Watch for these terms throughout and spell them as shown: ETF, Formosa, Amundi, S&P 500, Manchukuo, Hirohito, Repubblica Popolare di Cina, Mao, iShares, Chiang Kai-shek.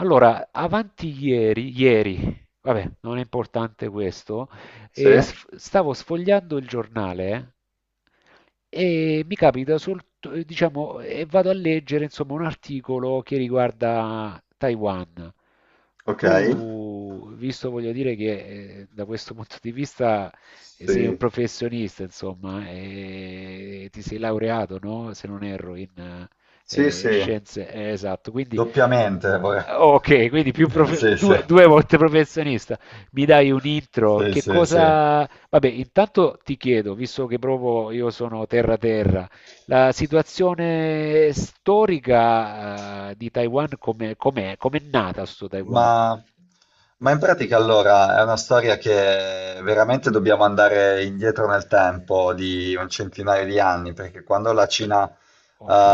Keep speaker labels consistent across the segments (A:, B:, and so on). A: Allora, avanti ieri, ieri, vabbè, non è importante questo,
B: Sì,
A: stavo sfogliando il giornale e mi capita diciamo, e vado a leggere, insomma, un articolo che riguarda Taiwan.
B: ok.
A: Tu, visto, voglio dire che da questo punto di vista sei un
B: Sì,
A: professionista, insomma, e ti sei laureato, no? Se non erro, in
B: sì, sì,
A: scienze, esatto, quindi...
B: doppiamente.
A: Ok, quindi
B: Sì, sì,
A: due volte professionista. Mi dai un intro?
B: sì,
A: Che
B: sì, sì.
A: cosa... Vabbè, intanto ti chiedo, visto che proprio io sono terra terra, la situazione storica, di Taiwan come com'è? Com'è nata sto Taiwan?
B: Ma, ma in pratica allora è una storia che veramente dobbiamo andare indietro nel tempo di un centinaio di anni, perché quando la Cina,
A: Ok,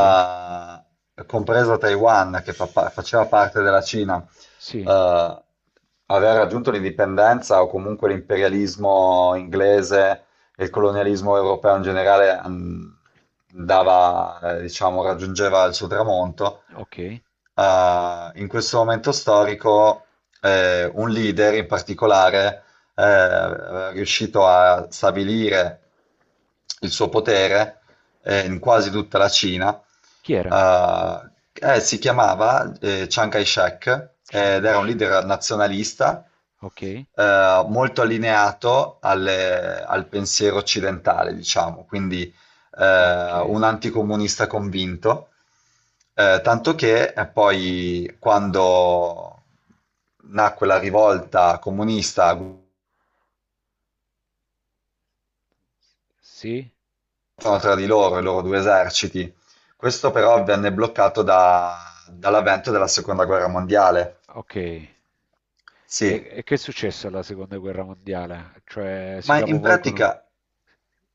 B: compresa Taiwan, che faceva parte della Cina,
A: sì,
B: eh, aveva raggiunto l'indipendenza o comunque l'imperialismo inglese e il colonialismo europeo in generale andava, diciamo, raggiungeva il suo tramonto.
A: ok.
B: In questo momento storico, un leader in particolare è riuscito a stabilire il suo potere in quasi tutta la Cina.
A: Chi era?
B: Si chiamava Chiang Kai-shek,
A: Chiang
B: ed era un
A: Kai-shek.
B: leader nazionalista,
A: Ok,
B: molto allineato al pensiero occidentale, diciamo, quindi
A: ok.
B: un anticomunista convinto. Tanto che poi quando nacque la rivolta comunista
A: Sì,
B: tra di loro, i loro due eserciti. Questo però venne bloccato dall'avvento della seconda guerra mondiale.
A: ok. E,
B: Sì,
A: e che è successo alla seconda guerra mondiale? Cioè, si
B: ma in pratica,
A: capovolgono.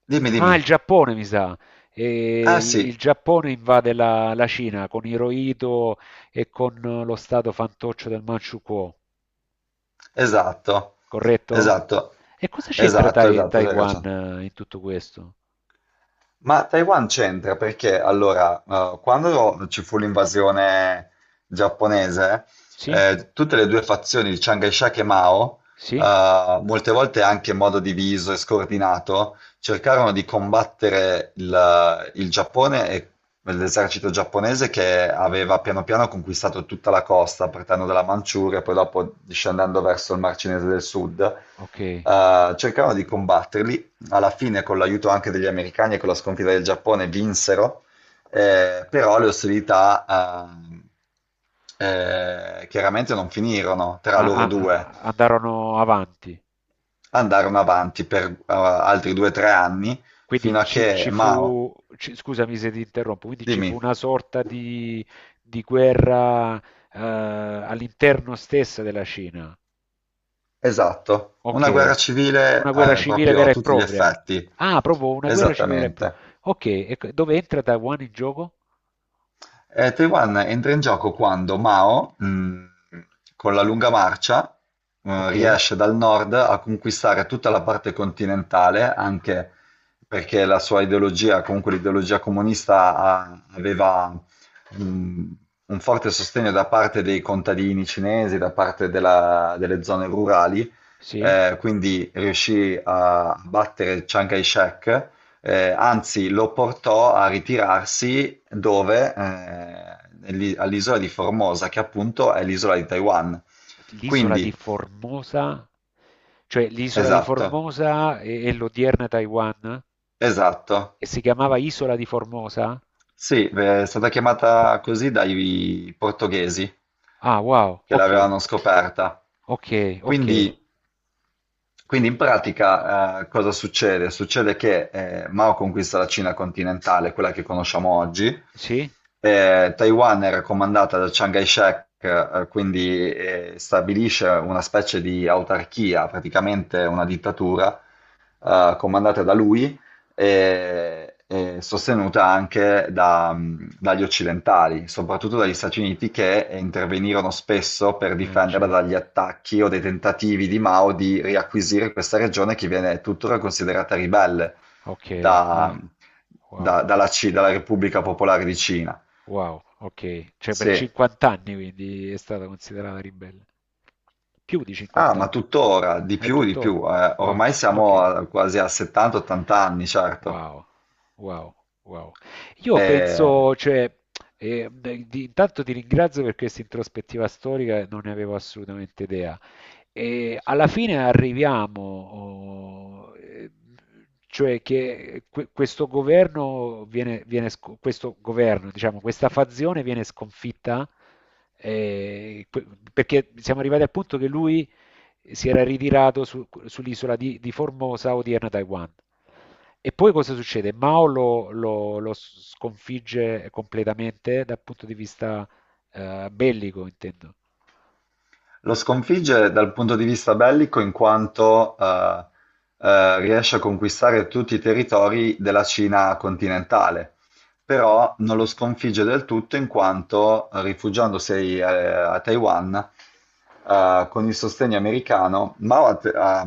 B: dimmi, dimmi.
A: Ah, il Giappone, mi sa. E
B: Ah
A: il
B: sì,
A: Giappone invade la Cina con Hirohito e con lo stato fantoccio del Manchukuo,
B: esatto,
A: corretto?
B: esatto,
A: E cosa c'entra
B: esatto, esatto, hai
A: Taiwan
B: ragione.
A: in tutto questo?
B: Ma Taiwan c'entra perché allora, quando ci fu l'invasione giapponese,
A: Sì?
B: tutte le due fazioni di Chiang Kai-shek e Mao,
A: Sì?
B: molte volte anche in modo diviso e scordinato, cercarono di combattere il Giappone e l'esercito giapponese che aveva piano piano conquistato tutta la costa, partendo dalla Manciuria e poi dopo discendendo verso il Mar Cinese del Sud.
A: Ok.
B: Cercarono di combatterli alla fine con l'aiuto anche degli americani e con la sconfitta del Giappone vinsero, però le ostilità chiaramente non finirono tra
A: Ah,
B: loro
A: ah,
B: due,
A: ah, andarono avanti.
B: andarono avanti per altri 2 o 3 anni fino
A: Quindi
B: a che Mao,
A: scusami se ti interrompo, quindi ci fu
B: dimmi,
A: una sorta di guerra all'interno stessa della Cina.
B: esatto, una guerra
A: Okay.
B: civile
A: Una guerra civile
B: proprio a
A: vera e
B: tutti gli
A: propria.
B: effetti,
A: Ah, proprio una guerra civile vera e propria.
B: esattamente.
A: Okay, e c dove entra Taiwan in gioco?
B: Taiwan entra in gioco quando Mao, con la lunga marcia,
A: Okay,
B: riesce dal nord a conquistare tutta la parte continentale, anche perché la sua ideologia, comunque l'ideologia comunista, aveva mh, un forte sostegno da parte dei contadini cinesi, da parte delle zone rurali,
A: sì.
B: quindi riuscì a battere Chiang Kai-shek, anzi, lo portò a ritirarsi dove? All'isola di Formosa, che appunto è l'isola di Taiwan.
A: L'isola di
B: Quindi,
A: Formosa, cioè l'isola di
B: esatto,
A: Formosa è l'odierna Taiwan?
B: esatto.
A: E si chiamava Isola di Formosa?
B: Sì, beh, è stata chiamata così dai portoghesi
A: Ah, wow,
B: che
A: okay,
B: l'avevano scoperta.
A: okay, okay.
B: Quindi, quindi in pratica, cosa succede? Succede che Mao conquista la Cina continentale, quella che conosciamo oggi.
A: Sì?
B: Taiwan era comandata da Chiang Kai-shek, quindi stabilisce una specie di autarchia, praticamente una dittatura comandata da lui e sostenuta anche dagli occidentali, soprattutto dagli Stati Uniti che intervenirono spesso per
A: Ah,
B: difenderla dagli
A: certo.
B: attacchi o dei tentativi di Mao di riacquisire questa regione che viene tuttora considerata ribelle
A: Okay,
B: da-
A: ah, wow.
B: dalla Repubblica Popolare di Cina.
A: Wow, ok. Cioè per
B: Sì.
A: 50 anni quindi è stata considerata ribelle. Più di
B: Ah,
A: 50
B: ma
A: anni.
B: tuttora, di
A: È
B: più, di
A: tuttora.
B: più.
A: Wow,
B: Ormai
A: ok.
B: quasi a 70-80 anni, certo.
A: Wow, wow, wow. Io
B: Eh,
A: penso, cioè, beh, intanto ti ringrazio per questa introspettiva storica, non ne avevo assolutamente idea. E alla fine arriviamo, oh, cioè che questo governo viene, questo governo, diciamo, questa fazione viene sconfitta eh, que- perché siamo arrivati al punto che lui si era ritirato sull'isola di Formosa, odierna Taiwan. E poi cosa succede? Mao lo sconfigge completamente dal punto di vista bellico, intendo.
B: Lo sconfigge dal punto di vista bellico in quanto riesce a conquistare tutti i territori della Cina continentale,
A: Ok,
B: però non
A: ok.
B: lo sconfigge del tutto in quanto rifugiandosi a Taiwan con il sostegno americano, Mao ha, te- ha-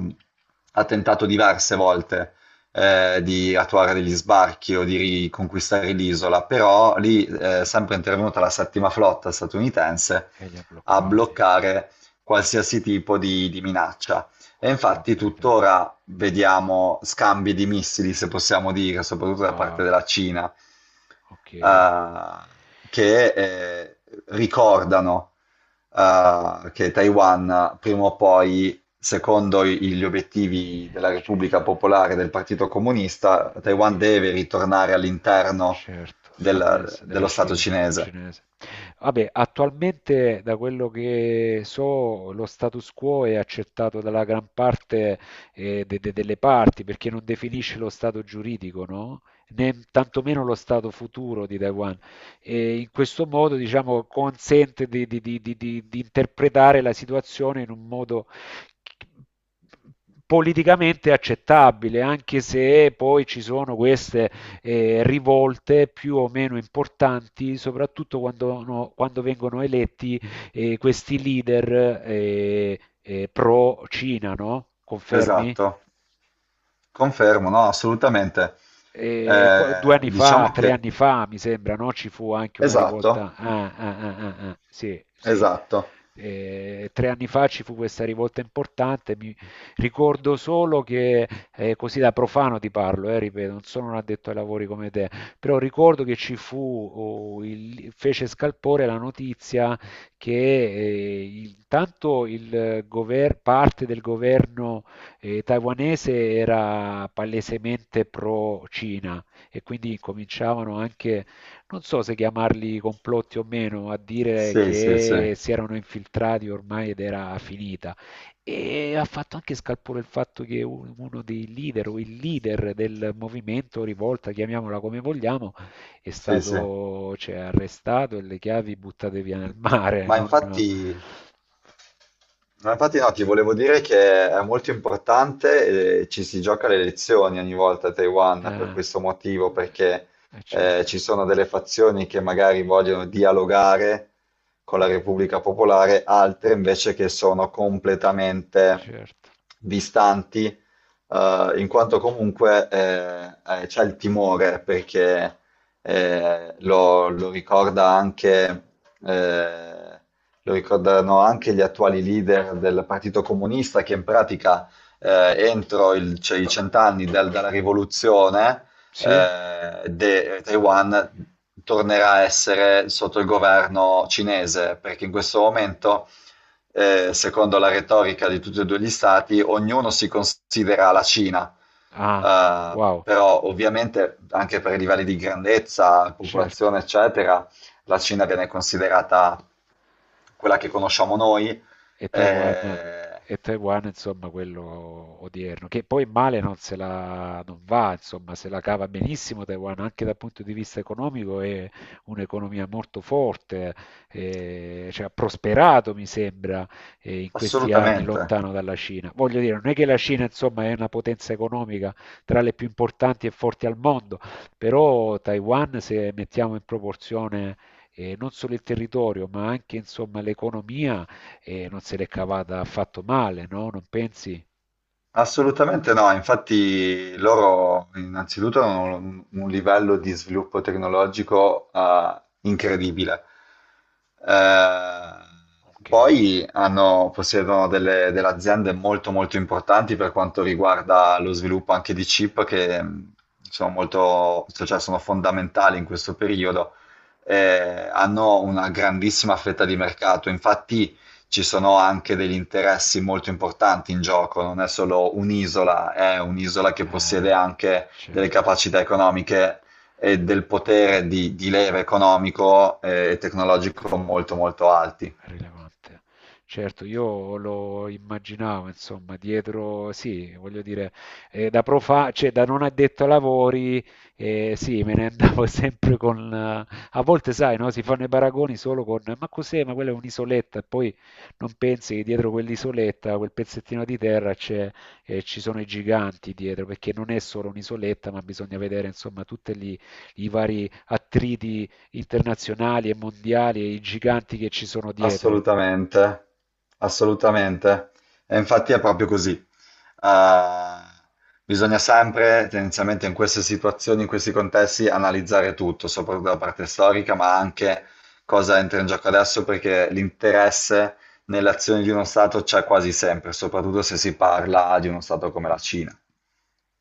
B: ha tentato diverse volte di attuare degli sbarchi o di riconquistare l'isola, però lì sempre è intervenuta la settima flotta statunitense
A: E li ha
B: a
A: bloccati,
B: bloccare qualsiasi tipo di minaccia. E
A: ho
B: infatti
A: capito.
B: tuttora vediamo scambi di missili, se possiamo dire, soprattutto da parte
A: Wow,
B: della Cina,
A: ok.
B: eh, che ricordano che Taiwan prima o poi, secondo gli obiettivi della
A: Cioè,
B: Repubblica Popolare e del Partito Comunista,
A: Eh, eh,
B: Taiwan
A: vi-
B: deve
A: eh,
B: ritornare all'interno
A: certo, Annes della
B: dello Stato
A: Cina,
B: cinese.
A: cinese. Vabbè, attualmente da quello che so, lo status quo è accettato dalla gran parte delle parti perché non definisce lo stato giuridico, no? Né tantomeno lo stato futuro di Taiwan. E in questo modo, diciamo, consente di interpretare la situazione in un modo politicamente accettabile, anche se poi ci sono queste rivolte più o meno importanti, soprattutto quando, quando vengono eletti questi leader pro-Cina, no? Confermi?
B: Esatto. Confermo, no, assolutamente.
A: Due
B: Eh,
A: anni fa,
B: diciamo
A: tre
B: che...
A: anni fa, mi sembra, no? Ci fu anche una
B: Esatto,
A: rivolta. Ah, ah, ah, ah, ah, sì, sì.
B: esatto.
A: 3 anni fa ci fu questa rivolta importante. Mi ricordo solo che, così da profano ti parlo, ripeto, non sono un addetto ai lavori come te, però ricordo che ci fu, oh, fece scalpore la notizia che tanto il parte del governo e taiwanese era palesemente pro-Cina e quindi cominciavano anche, non so se chiamarli complotti o meno, a dire
B: Sì, sì, sì,
A: che si erano infiltrati ormai ed era finita. E ha fatto anche scalpore il fatto che uno dei leader o il leader del movimento rivolta, chiamiamola come vogliamo, è
B: sì, sì.
A: stato, cioè, arrestato e le chiavi buttate via nel mare.
B: Ma
A: Non,
B: infatti... No, infatti no, ti volevo dire che è molto importante, ci si gioca le elezioni ogni volta a Taiwan per
A: eh,
B: questo motivo, perché ci
A: certo.
B: sono delle fazioni che magari vogliono dialogare con la Repubblica Popolare, altre invece che sono completamente
A: Certo.
B: distanti, in quanto comunque c'è il timore, perché lo ricorda anche... eh, lo ricordano anche gli attuali leader del Partito Comunista che in pratica entro cioè, i cent'anni dalla rivoluzione
A: Sì?
B: Taiwan tornerà a essere sotto il governo cinese, perché in questo momento, secondo la retorica di tutti e due gli stati, ognuno si considera la Cina.
A: Ah,
B: Eh,
A: wow,
B: però ovviamente anche per i livelli di grandezza,
A: certo.
B: popolazione, eccetera, la Cina viene considerata quella che conosciamo noi,
A: e Taiwan,
B: eh,
A: e Taiwan, insomma, quello odierno, che poi male non se la non va, insomma, se la cava benissimo Taiwan, anche dal punto di vista economico è un'economia molto forte, cioè, ha prosperato, mi sembra, in questi anni
B: assolutamente.
A: lontano dalla Cina. Voglio dire, non è che la Cina, insomma, è una potenza economica tra le più importanti e forti al mondo, però Taiwan, se mettiamo in proporzione non solo il territorio, ma anche insomma l'economia, e non se l'è cavata affatto male, no? Non pensi?
B: Assolutamente no, infatti loro innanzitutto hanno un livello di sviluppo tecnologico incredibile. Eh,
A: Ok,
B: poi possiedono delle aziende molto molto importanti per quanto riguarda lo sviluppo anche di chip che sono molto, cioè sono fondamentali in questo periodo. Hanno una grandissima fetta di mercato, infatti ci sono anche degli interessi molto importanti in gioco, non è solo un'isola, è un'isola che possiede anche delle
A: certo.
B: capacità economiche e del potere di leva economico e tecnologico molto molto alti.
A: Rilevante. Certo, io lo immaginavo, insomma, dietro, sì, voglio dire, cioè da non addetto ai lavori, sì, me ne andavo sempre con... a volte, sai, no, si fanno i paragoni solo con, ma cos'è, ma quella è un'isoletta, e poi non pensi che dietro quell'isoletta, quel pezzettino di terra, c'è e ci sono i giganti dietro, perché non è solo un'isoletta, ma bisogna vedere insomma tutti i vari attriti internazionali e mondiali e i giganti che ci sono dietro.
B: Assolutamente, assolutamente. E infatti è proprio così. Eh, bisogna sempre, tendenzialmente in queste situazioni, in questi contesti, analizzare tutto, soprattutto la parte storica, ma anche cosa entra in gioco adesso, perché l'interesse nelle azioni di uno Stato c'è quasi sempre, soprattutto se si parla di uno Stato come la Cina.